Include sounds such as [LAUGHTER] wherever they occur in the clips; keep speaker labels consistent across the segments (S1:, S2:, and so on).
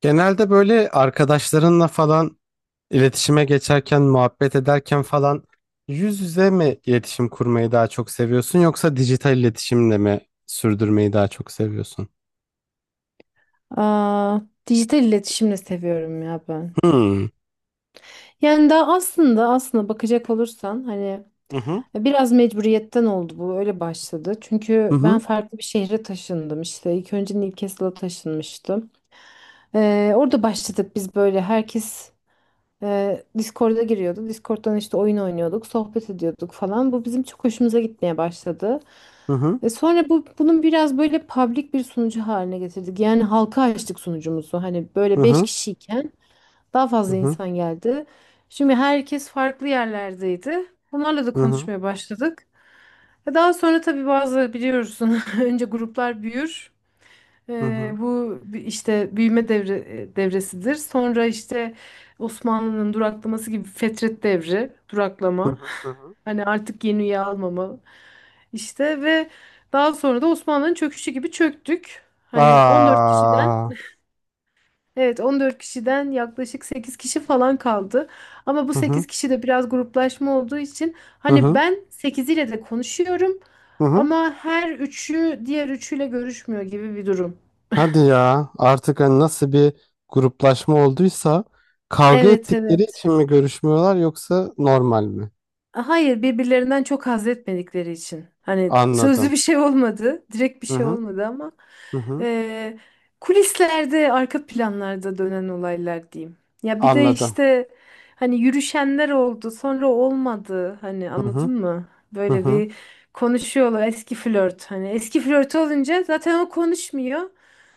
S1: Genelde böyle arkadaşlarınla falan iletişime geçerken, muhabbet ederken falan yüz yüze mi iletişim kurmayı daha çok seviyorsun yoksa dijital iletişimle mi sürdürmeyi daha çok seviyorsun?
S2: Aa, dijital iletişimle seviyorum ya ben.
S1: Hmm.
S2: Yani daha aslında bakacak olursan hani
S1: Hı hı.
S2: biraz mecburiyetten oldu, bu öyle başladı.
S1: Hı
S2: Çünkü ben
S1: hı.
S2: farklı bir şehre taşındım işte. İlk önce Newcastle'a taşınmıştım. Orada başladık biz böyle herkes Discord'a giriyordu. Discord'dan işte oyun oynuyorduk, sohbet ediyorduk falan. Bu bizim çok hoşumuza gitmeye başladı.
S1: Hı hı.
S2: Sonra bunun biraz böyle public bir sunucu haline getirdik. Yani halka açtık sunucumuzu. Hani
S1: Hı
S2: böyle 5
S1: hı.
S2: kişiyken daha
S1: Hı
S2: fazla
S1: hı.
S2: insan geldi. Şimdi herkes farklı yerlerdeydi. Onlarla da
S1: Hı hı.
S2: konuşmaya başladık. Daha sonra tabii bazı biliyorsun [LAUGHS] önce gruplar büyür.
S1: Hı
S2: E,
S1: hı.
S2: bu işte büyüme devresidir. Sonra işte Osmanlı'nın duraklaması gibi fetret devri,
S1: Hı
S2: duraklama.
S1: hı. Hı hı.
S2: [LAUGHS] Hani artık yeni üye almama. İşte ve daha sonra da Osmanlı'nın çöküşü gibi çöktük. Hani 14 kişiden.
S1: Aa.
S2: Evet, 14 kişiden yaklaşık 8 kişi falan kaldı. Ama bu
S1: Hı hı.
S2: 8 kişi de biraz gruplaşma olduğu için
S1: Hı
S2: hani
S1: hı.
S2: ben 8 ile de konuşuyorum
S1: Hı hı.
S2: ama her üçü diğer üçüyle görüşmüyor gibi bir durum.
S1: Hadi ya, artık hani nasıl bir gruplaşma olduysa, kavga
S2: Evet,
S1: ettikleri
S2: evet.
S1: için mi görüşmüyorlar yoksa normal mi?
S2: Hayır, birbirlerinden çok haz etmedikleri için. Hani sözlü
S1: Anladım.
S2: bir şey olmadı, direkt bir
S1: Hı
S2: şey
S1: hı.
S2: olmadı ama
S1: Hı hı.
S2: eee, kulislerde, arka planlarda dönen olaylar diyeyim. Ya bir de
S1: Anladım.
S2: işte hani yürüşenler oldu, sonra olmadı. Hani
S1: Hı hı.
S2: anladın mı?
S1: Hı
S2: Böyle
S1: hı.
S2: bir konuşuyorlar eski flört. Hani eski flört olunca zaten o konuşmuyor.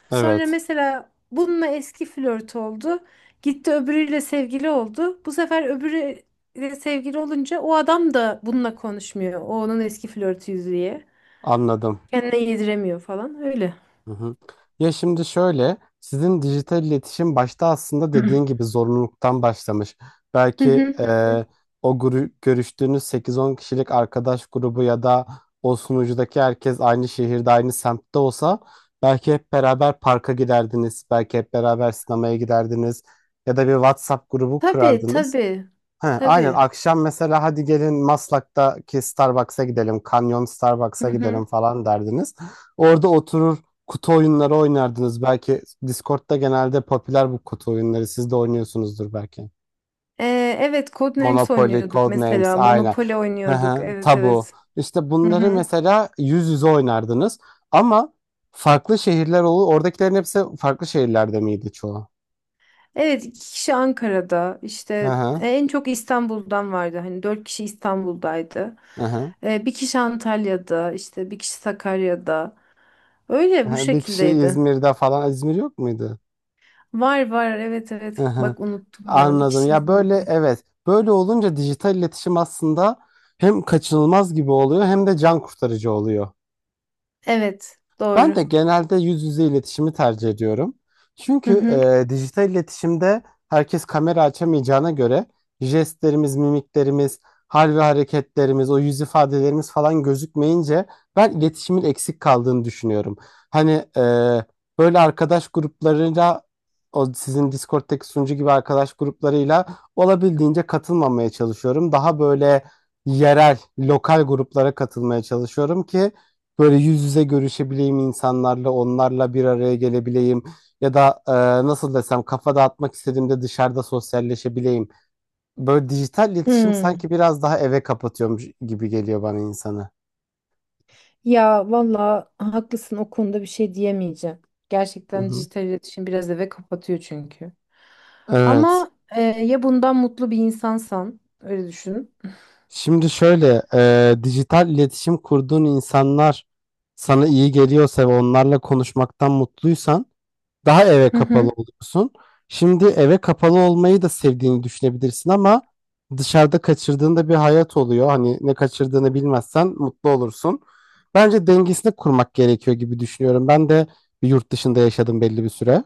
S2: Sonra
S1: Evet.
S2: mesela bununla eski flört oldu. Gitti öbürüyle sevgili oldu. Bu sefer öbürüyle sevgili olunca o adam da bununla konuşmuyor. O onun eski flörtü diye,
S1: Anladım.
S2: kendine yediremiyor falan öyle.
S1: Hı hı. Ya şimdi şöyle, sizin dijital iletişim başta aslında
S2: [CLEARS THROAT]
S1: dediğin gibi zorunluluktan başlamış.
S2: Hı
S1: Belki
S2: hı,
S1: e,
S2: hı hı.
S1: görüştüğünüz sekiz on kişilik arkadaş grubu ya da o sunucudaki herkes aynı şehirde, aynı semtte olsa belki hep beraber parka giderdiniz, belki hep beraber sinemaya giderdiniz ya da bir WhatsApp grubu
S2: Tabii,
S1: kurardınız.
S2: tabii.
S1: He, aynen
S2: Tabii.
S1: akşam mesela hadi gelin Maslak'taki Starbucks'a gidelim, Canyon
S2: Hı
S1: Starbucks'a
S2: hı.
S1: gidelim falan derdiniz. Orada oturur kutu oyunları oynardınız. Belki Discord'da genelde popüler bu kutu oyunları. Siz de oynuyorsunuzdur belki.
S2: Evet, Codenames
S1: Monopoly,
S2: oynuyorduk
S1: Codenames
S2: mesela.
S1: aynen.
S2: Monopoly
S1: Hı
S2: oynuyorduk.
S1: hı,
S2: Evet,
S1: Tabu.
S2: evet.
S1: İşte
S2: Hı
S1: bunları
S2: hı.
S1: mesela yüz yüze oynardınız. Ama farklı şehirler olur. Oradakilerin hepsi farklı şehirlerde miydi çoğu?
S2: Evet, iki kişi Ankara'da.
S1: Hı
S2: İşte
S1: hı,
S2: e, en çok İstanbul'dan vardı. Hani dört kişi İstanbul'daydı.
S1: hı hı.
S2: Bir kişi Antalya'da, işte bir kişi Sakarya'da.
S1: Hı
S2: Öyle bu
S1: hı. Bir kişi
S2: şekildeydi.
S1: İzmir'de falan. İzmir yok muydu?
S2: Var, var, evet,
S1: Hı
S2: evet.
S1: hı.
S2: Bak unuttum ya. Bir
S1: Anladım.
S2: kişi
S1: Ya böyle
S2: İzmir'de.
S1: evet. Böyle olunca dijital iletişim aslında hem kaçınılmaz gibi oluyor hem de can kurtarıcı oluyor.
S2: Evet,
S1: Ben de
S2: doğru.
S1: genelde yüz yüze iletişimi tercih ediyorum.
S2: Hı
S1: Çünkü
S2: hı.
S1: dijital iletişimde herkes kamera açamayacağına göre jestlerimiz, mimiklerimiz, hal ve hareketlerimiz, o yüz ifadelerimiz falan gözükmeyince ben iletişimin eksik kaldığını düşünüyorum. Hani e, böyle arkadaş gruplarıyla, o sizin Discord'daki sunucu gibi arkadaş gruplarıyla olabildiğince katılmamaya çalışıyorum. Daha böyle yerel, lokal gruplara katılmaya çalışıyorum ki böyle yüz yüze görüşebileyim insanlarla, onlarla bir araya gelebileyim ya da nasıl desem kafa dağıtmak istediğimde dışarıda sosyalleşebileyim. Böyle dijital iletişim
S2: Hmm.
S1: sanki biraz daha eve kapatıyormuş gibi geliyor bana insanı.
S2: Ya valla haklısın, o konuda bir şey diyemeyeceğim.
S1: Hı
S2: Gerçekten
S1: hı.
S2: dijital iletişim biraz eve kapatıyor çünkü.
S1: Evet.
S2: Ama ya bundan mutlu bir insansan, öyle düşün.
S1: Şimdi şöyle, dijital iletişim kurduğun insanlar sana iyi geliyorsa ve onlarla konuşmaktan mutluysan daha eve
S2: Hı
S1: kapalı
S2: hı.
S1: oluyorsun. Şimdi eve kapalı olmayı da sevdiğini düşünebilirsin ama dışarıda kaçırdığında bir hayat oluyor. Hani ne kaçırdığını bilmezsen mutlu olursun. Bence dengesini kurmak gerekiyor gibi düşünüyorum. Ben de bir yurt dışında yaşadım belli bir süre.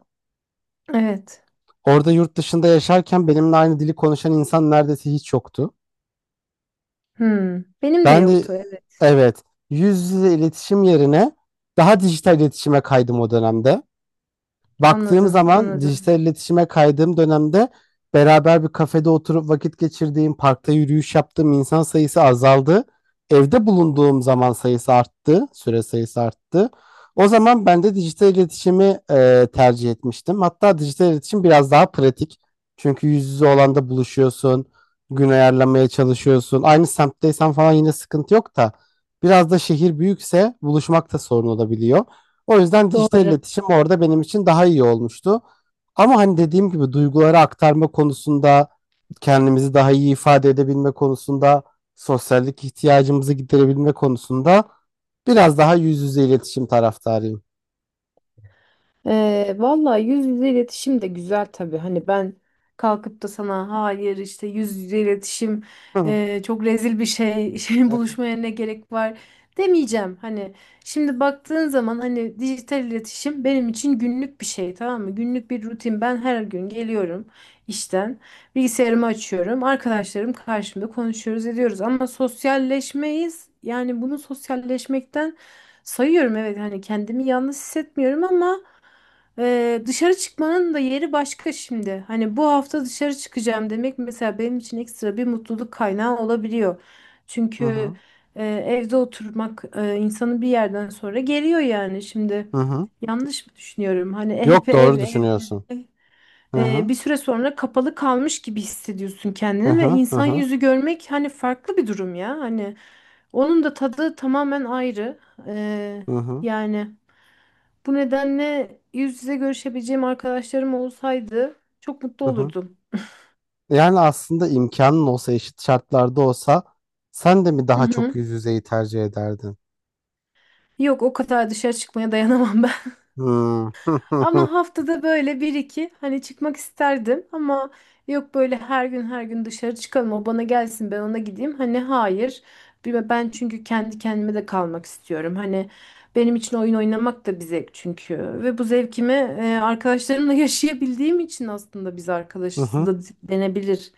S2: Evet.
S1: Orada yurt dışında yaşarken benimle aynı dili konuşan insan neredeyse hiç yoktu.
S2: Hmm. Benim de
S1: Ben de
S2: yoktu. Evet.
S1: evet, yüz yüze iletişim yerine daha dijital iletişime kaydım o dönemde. Baktığım
S2: Anladım,
S1: zaman
S2: anladım.
S1: dijital iletişime kaydığım dönemde beraber bir kafede oturup vakit geçirdiğim, parkta yürüyüş yaptığım insan sayısı azaldı. Evde bulunduğum zaman sayısı arttı, süre sayısı arttı. O zaman ben de dijital iletişimi tercih etmiştim. Hatta dijital iletişim biraz daha pratik. Çünkü yüz yüze olan da buluşuyorsun, gün ayarlamaya çalışıyorsun. Aynı semtteysen falan yine sıkıntı yok da biraz da şehir büyükse buluşmak da sorun olabiliyor. O yüzden dijital
S2: Doğru.
S1: iletişim orada benim için daha iyi olmuştu. Ama hani dediğim gibi duyguları aktarma konusunda, kendimizi daha iyi ifade edebilme konusunda, sosyallik ihtiyacımızı giderebilme konusunda biraz daha yüz yüze iletişim taraftarıyım.
S2: Vallahi yüz yüze iletişim de güzel tabii. Hani ben kalkıp da sana hayır işte yüz yüze iletişim
S1: Hı hı.
S2: çok rezil bir şey, [LAUGHS] şey buluşmaya ne gerek var demeyeceğim. Hani şimdi baktığın zaman hani dijital iletişim benim için günlük bir şey, tamam mı? Günlük bir rutin. Ben her gün geliyorum işten, bilgisayarımı açıyorum. Arkadaşlarım karşımda, konuşuyoruz ediyoruz ama sosyalleşmeyiz. Yani bunu sosyalleşmekten sayıyorum, evet, hani kendimi yalnız hissetmiyorum ama dışarı çıkmanın da yeri başka şimdi. Hani bu hafta dışarı çıkacağım demek mesela benim için ekstra bir mutluluk kaynağı olabiliyor.
S1: Hı
S2: Çünkü
S1: hı.
S2: evde oturmak insanı bir yerden sonra geriyor yani. Şimdi
S1: Hı.
S2: yanlış mı düşünüyorum? Hani hep
S1: Yok,
S2: ev
S1: doğru
S2: ev ev
S1: düşünüyorsun.
S2: ev.
S1: Hı hı.
S2: Bir süre sonra kapalı kalmış gibi hissediyorsun
S1: Hı
S2: kendini ve
S1: hı. Hı
S2: insan
S1: hı.
S2: yüzü görmek hani farklı bir durum ya. Hani onun da tadı tamamen ayrı. Ee,
S1: Hı hı.
S2: yani. Bu nedenle yüz yüze görüşebileceğim arkadaşlarım olsaydı çok mutlu
S1: Hı hı.
S2: olurdum.
S1: Yani aslında imkanın olsa, eşit şartlarda olsa sen de mi
S2: Hı
S1: daha çok
S2: hı.
S1: yüz yüzeyi tercih ederdin?
S2: Yok, o kadar dışarı çıkmaya dayanamam. [LAUGHS]
S1: Hmm.
S2: Ama haftada böyle bir iki hani çıkmak isterdim ama yok, böyle her gün her gün dışarı çıkalım, o bana gelsin ben ona gideyim. Hani hayır. Ben çünkü kendi kendime de kalmak istiyorum. Hani benim için oyun oynamak da bir zevk çünkü ve bu zevkimi arkadaşlarımla [LAUGHS] yaşayabildiğim için aslında biz arkadaşız
S1: [LAUGHS]
S2: da denebilir.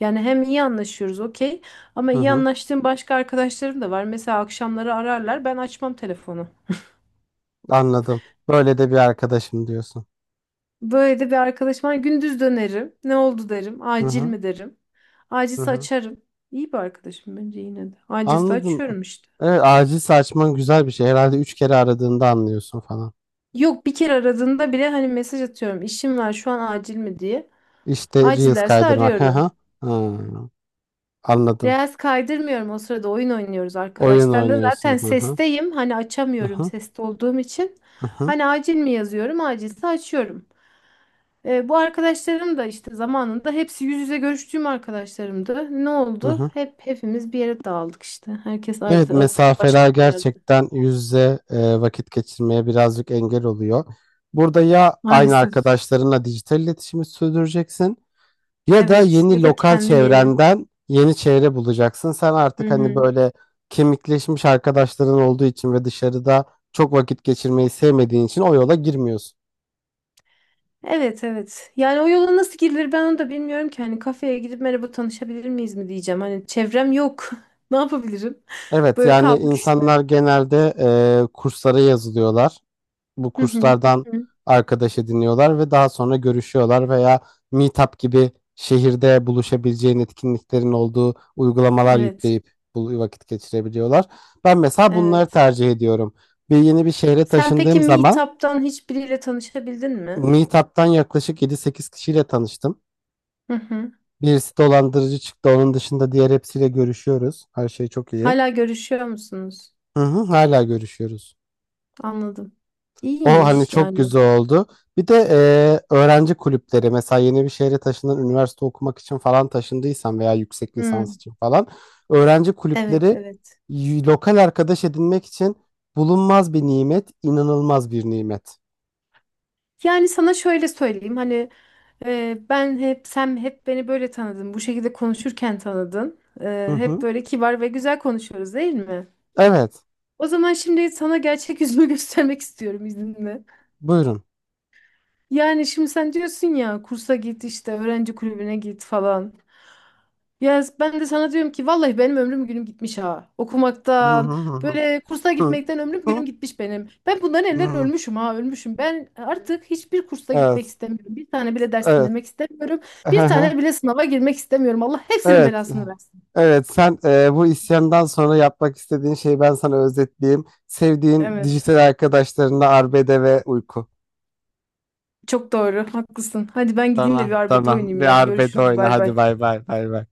S2: Yani hem iyi anlaşıyoruz, okey, ama
S1: Hı
S2: iyi
S1: hı.
S2: anlaştığım başka arkadaşlarım da var. Mesela akşamları ararlar, ben açmam telefonu.
S1: Anladım. Böyle de bir arkadaşım diyorsun.
S2: Böyle de bir arkadaşım var. Gündüz dönerim. Ne oldu derim.
S1: Hı
S2: Acil
S1: hı.
S2: mi derim.
S1: Hı
S2: Acilse
S1: hı.
S2: açarım. İyi bir arkadaşım bence yine de. Acilse
S1: Anladım.
S2: açıyorum işte.
S1: Evet, acil açman güzel bir şey. Herhalde üç kere aradığında anlıyorsun falan.
S2: Yok, bir kere aradığında bile hani mesaj atıyorum. İşim var şu an, acil mi diye.
S1: İşte
S2: Acil
S1: Reels
S2: derse
S1: kaydırmak. Hı
S2: arıyorum.
S1: hı. Hı. Anladım.
S2: Reels kaydırmıyorum, o sırada oyun oynuyoruz
S1: Oyun
S2: arkadaşlarla. Zaten
S1: oynuyorsun. Hı hı.
S2: sesteyim. Hani
S1: Hı
S2: açamıyorum
S1: hı.
S2: seste olduğum için.
S1: Hı hı.
S2: Hani acil mi yazıyorum. Acilse açıyorum. Bu arkadaşlarım da işte zamanında hepsi yüz yüze görüştüğüm arkadaşlarımdı. Ne
S1: Hı
S2: oldu?
S1: hı.
S2: Hepimiz bir yere dağıldık işte. Herkes
S1: Evet,
S2: ayrı artık
S1: mesafeler
S2: başka bir yerde.
S1: gerçekten yüz yüze vakit geçirmeye birazcık engel oluyor. Burada ya aynı
S2: Maalesef.
S1: arkadaşlarınla dijital iletişimi sürdüreceksin, ya da
S2: Evet. Ya
S1: yeni
S2: da
S1: lokal
S2: kendi yeni.
S1: çevrenden yeni çevre bulacaksın. Sen
S2: Hı
S1: artık hani
S2: hı.
S1: böyle kemikleşmiş arkadaşların olduğu için ve dışarıda çok vakit geçirmeyi sevmediğin için o yola girmiyorsun.
S2: Evet, evet. Yani o yola nasıl girilir ben onu da bilmiyorum ki. Hani kafeye gidip merhaba tanışabilir miyiz mi diyeceğim. Hani çevrem yok. [LAUGHS] Ne yapabilirim?
S1: Evet,
S2: Böyle
S1: yani
S2: kaldık işte.
S1: insanlar genelde kurslara yazılıyorlar. Bu
S2: Hı hı.
S1: kurslardan
S2: Hı hı.
S1: arkadaş ediniyorlar ve daha sonra görüşüyorlar, veya Meetup gibi şehirde buluşabileceğin etkinliklerin olduğu uygulamalar
S2: Evet.
S1: yükleyip bu vakit geçirebiliyorlar. Ben mesela bunları
S2: Evet.
S1: tercih ediyorum. Bir yeni bir şehre
S2: Sen peki
S1: taşındığım zaman
S2: Meetup'tan hiçbiriyle tanışabildin mi?
S1: Meetup'tan yaklaşık yedi sekiz kişiyle tanıştım.
S2: Hı hı.
S1: Birisi dolandırıcı çıktı. Onun dışında diğer hepsiyle görüşüyoruz. Her şey çok iyi.
S2: Hala görüşüyor musunuz?
S1: Hı hı, hala görüşüyoruz.
S2: Anladım.
S1: O hani
S2: İyiymiş
S1: çok
S2: yani.
S1: güzel oldu. Bir de öğrenci kulüpleri, mesela yeni bir şehre taşınan üniversite okumak için falan taşındıysan veya yüksek lisans
S2: Hmm,
S1: için falan, öğrenci
S2: evet,
S1: kulüpleri
S2: evet.
S1: lokal arkadaş edinmek için bulunmaz bir nimet, inanılmaz bir nimet.
S2: Yani sana şöyle söyleyeyim hani ben hep sen hep beni böyle tanıdın, bu şekilde konuşurken tanıdın
S1: Hı
S2: E, Hep
S1: hı.
S2: böyle kibar ve güzel konuşuyoruz değil mi?
S1: Evet,
S2: O zaman şimdi sana gerçek yüzümü [LAUGHS] göstermek istiyorum izninle.
S1: buyurun.
S2: Yani şimdi sen diyorsun ya kursa git işte öğrenci kulübüne git falan. Ya ben de sana diyorum ki vallahi benim ömrüm günüm gitmiş ha.
S1: Hı hı
S2: Okumaktan,
S1: hı hı.
S2: böyle kursa
S1: Hı.
S2: gitmekten ömrüm
S1: Hı.
S2: günüm gitmiş benim. Ben bundan eller
S1: Hı.
S2: ölmüşüm ha, ölmüşüm. Ben artık hiçbir kursa
S1: Evet,
S2: gitmek istemiyorum. Bir tane bile ders
S1: evet.
S2: dinlemek istemiyorum.
S1: Hı
S2: Bir
S1: hı.
S2: tane bile sınava girmek istemiyorum. Allah hepsinin
S1: Evet.
S2: belasını versin.
S1: Evet, sen bu isyandan sonra yapmak istediğin şeyi ben sana özetleyeyim. Sevdiğin
S2: Evet.
S1: dijital arkadaşlarınla arbede ve uyku.
S2: Çok doğru, haklısın. Hadi ben gideyim de bir
S1: Tamam,
S2: arbede
S1: tamam.
S2: oynayayım
S1: Bir
S2: ya.
S1: arbede
S2: Görüşürüz,
S1: oyna.
S2: bay
S1: Hadi
S2: bay.
S1: bay bay bay bay.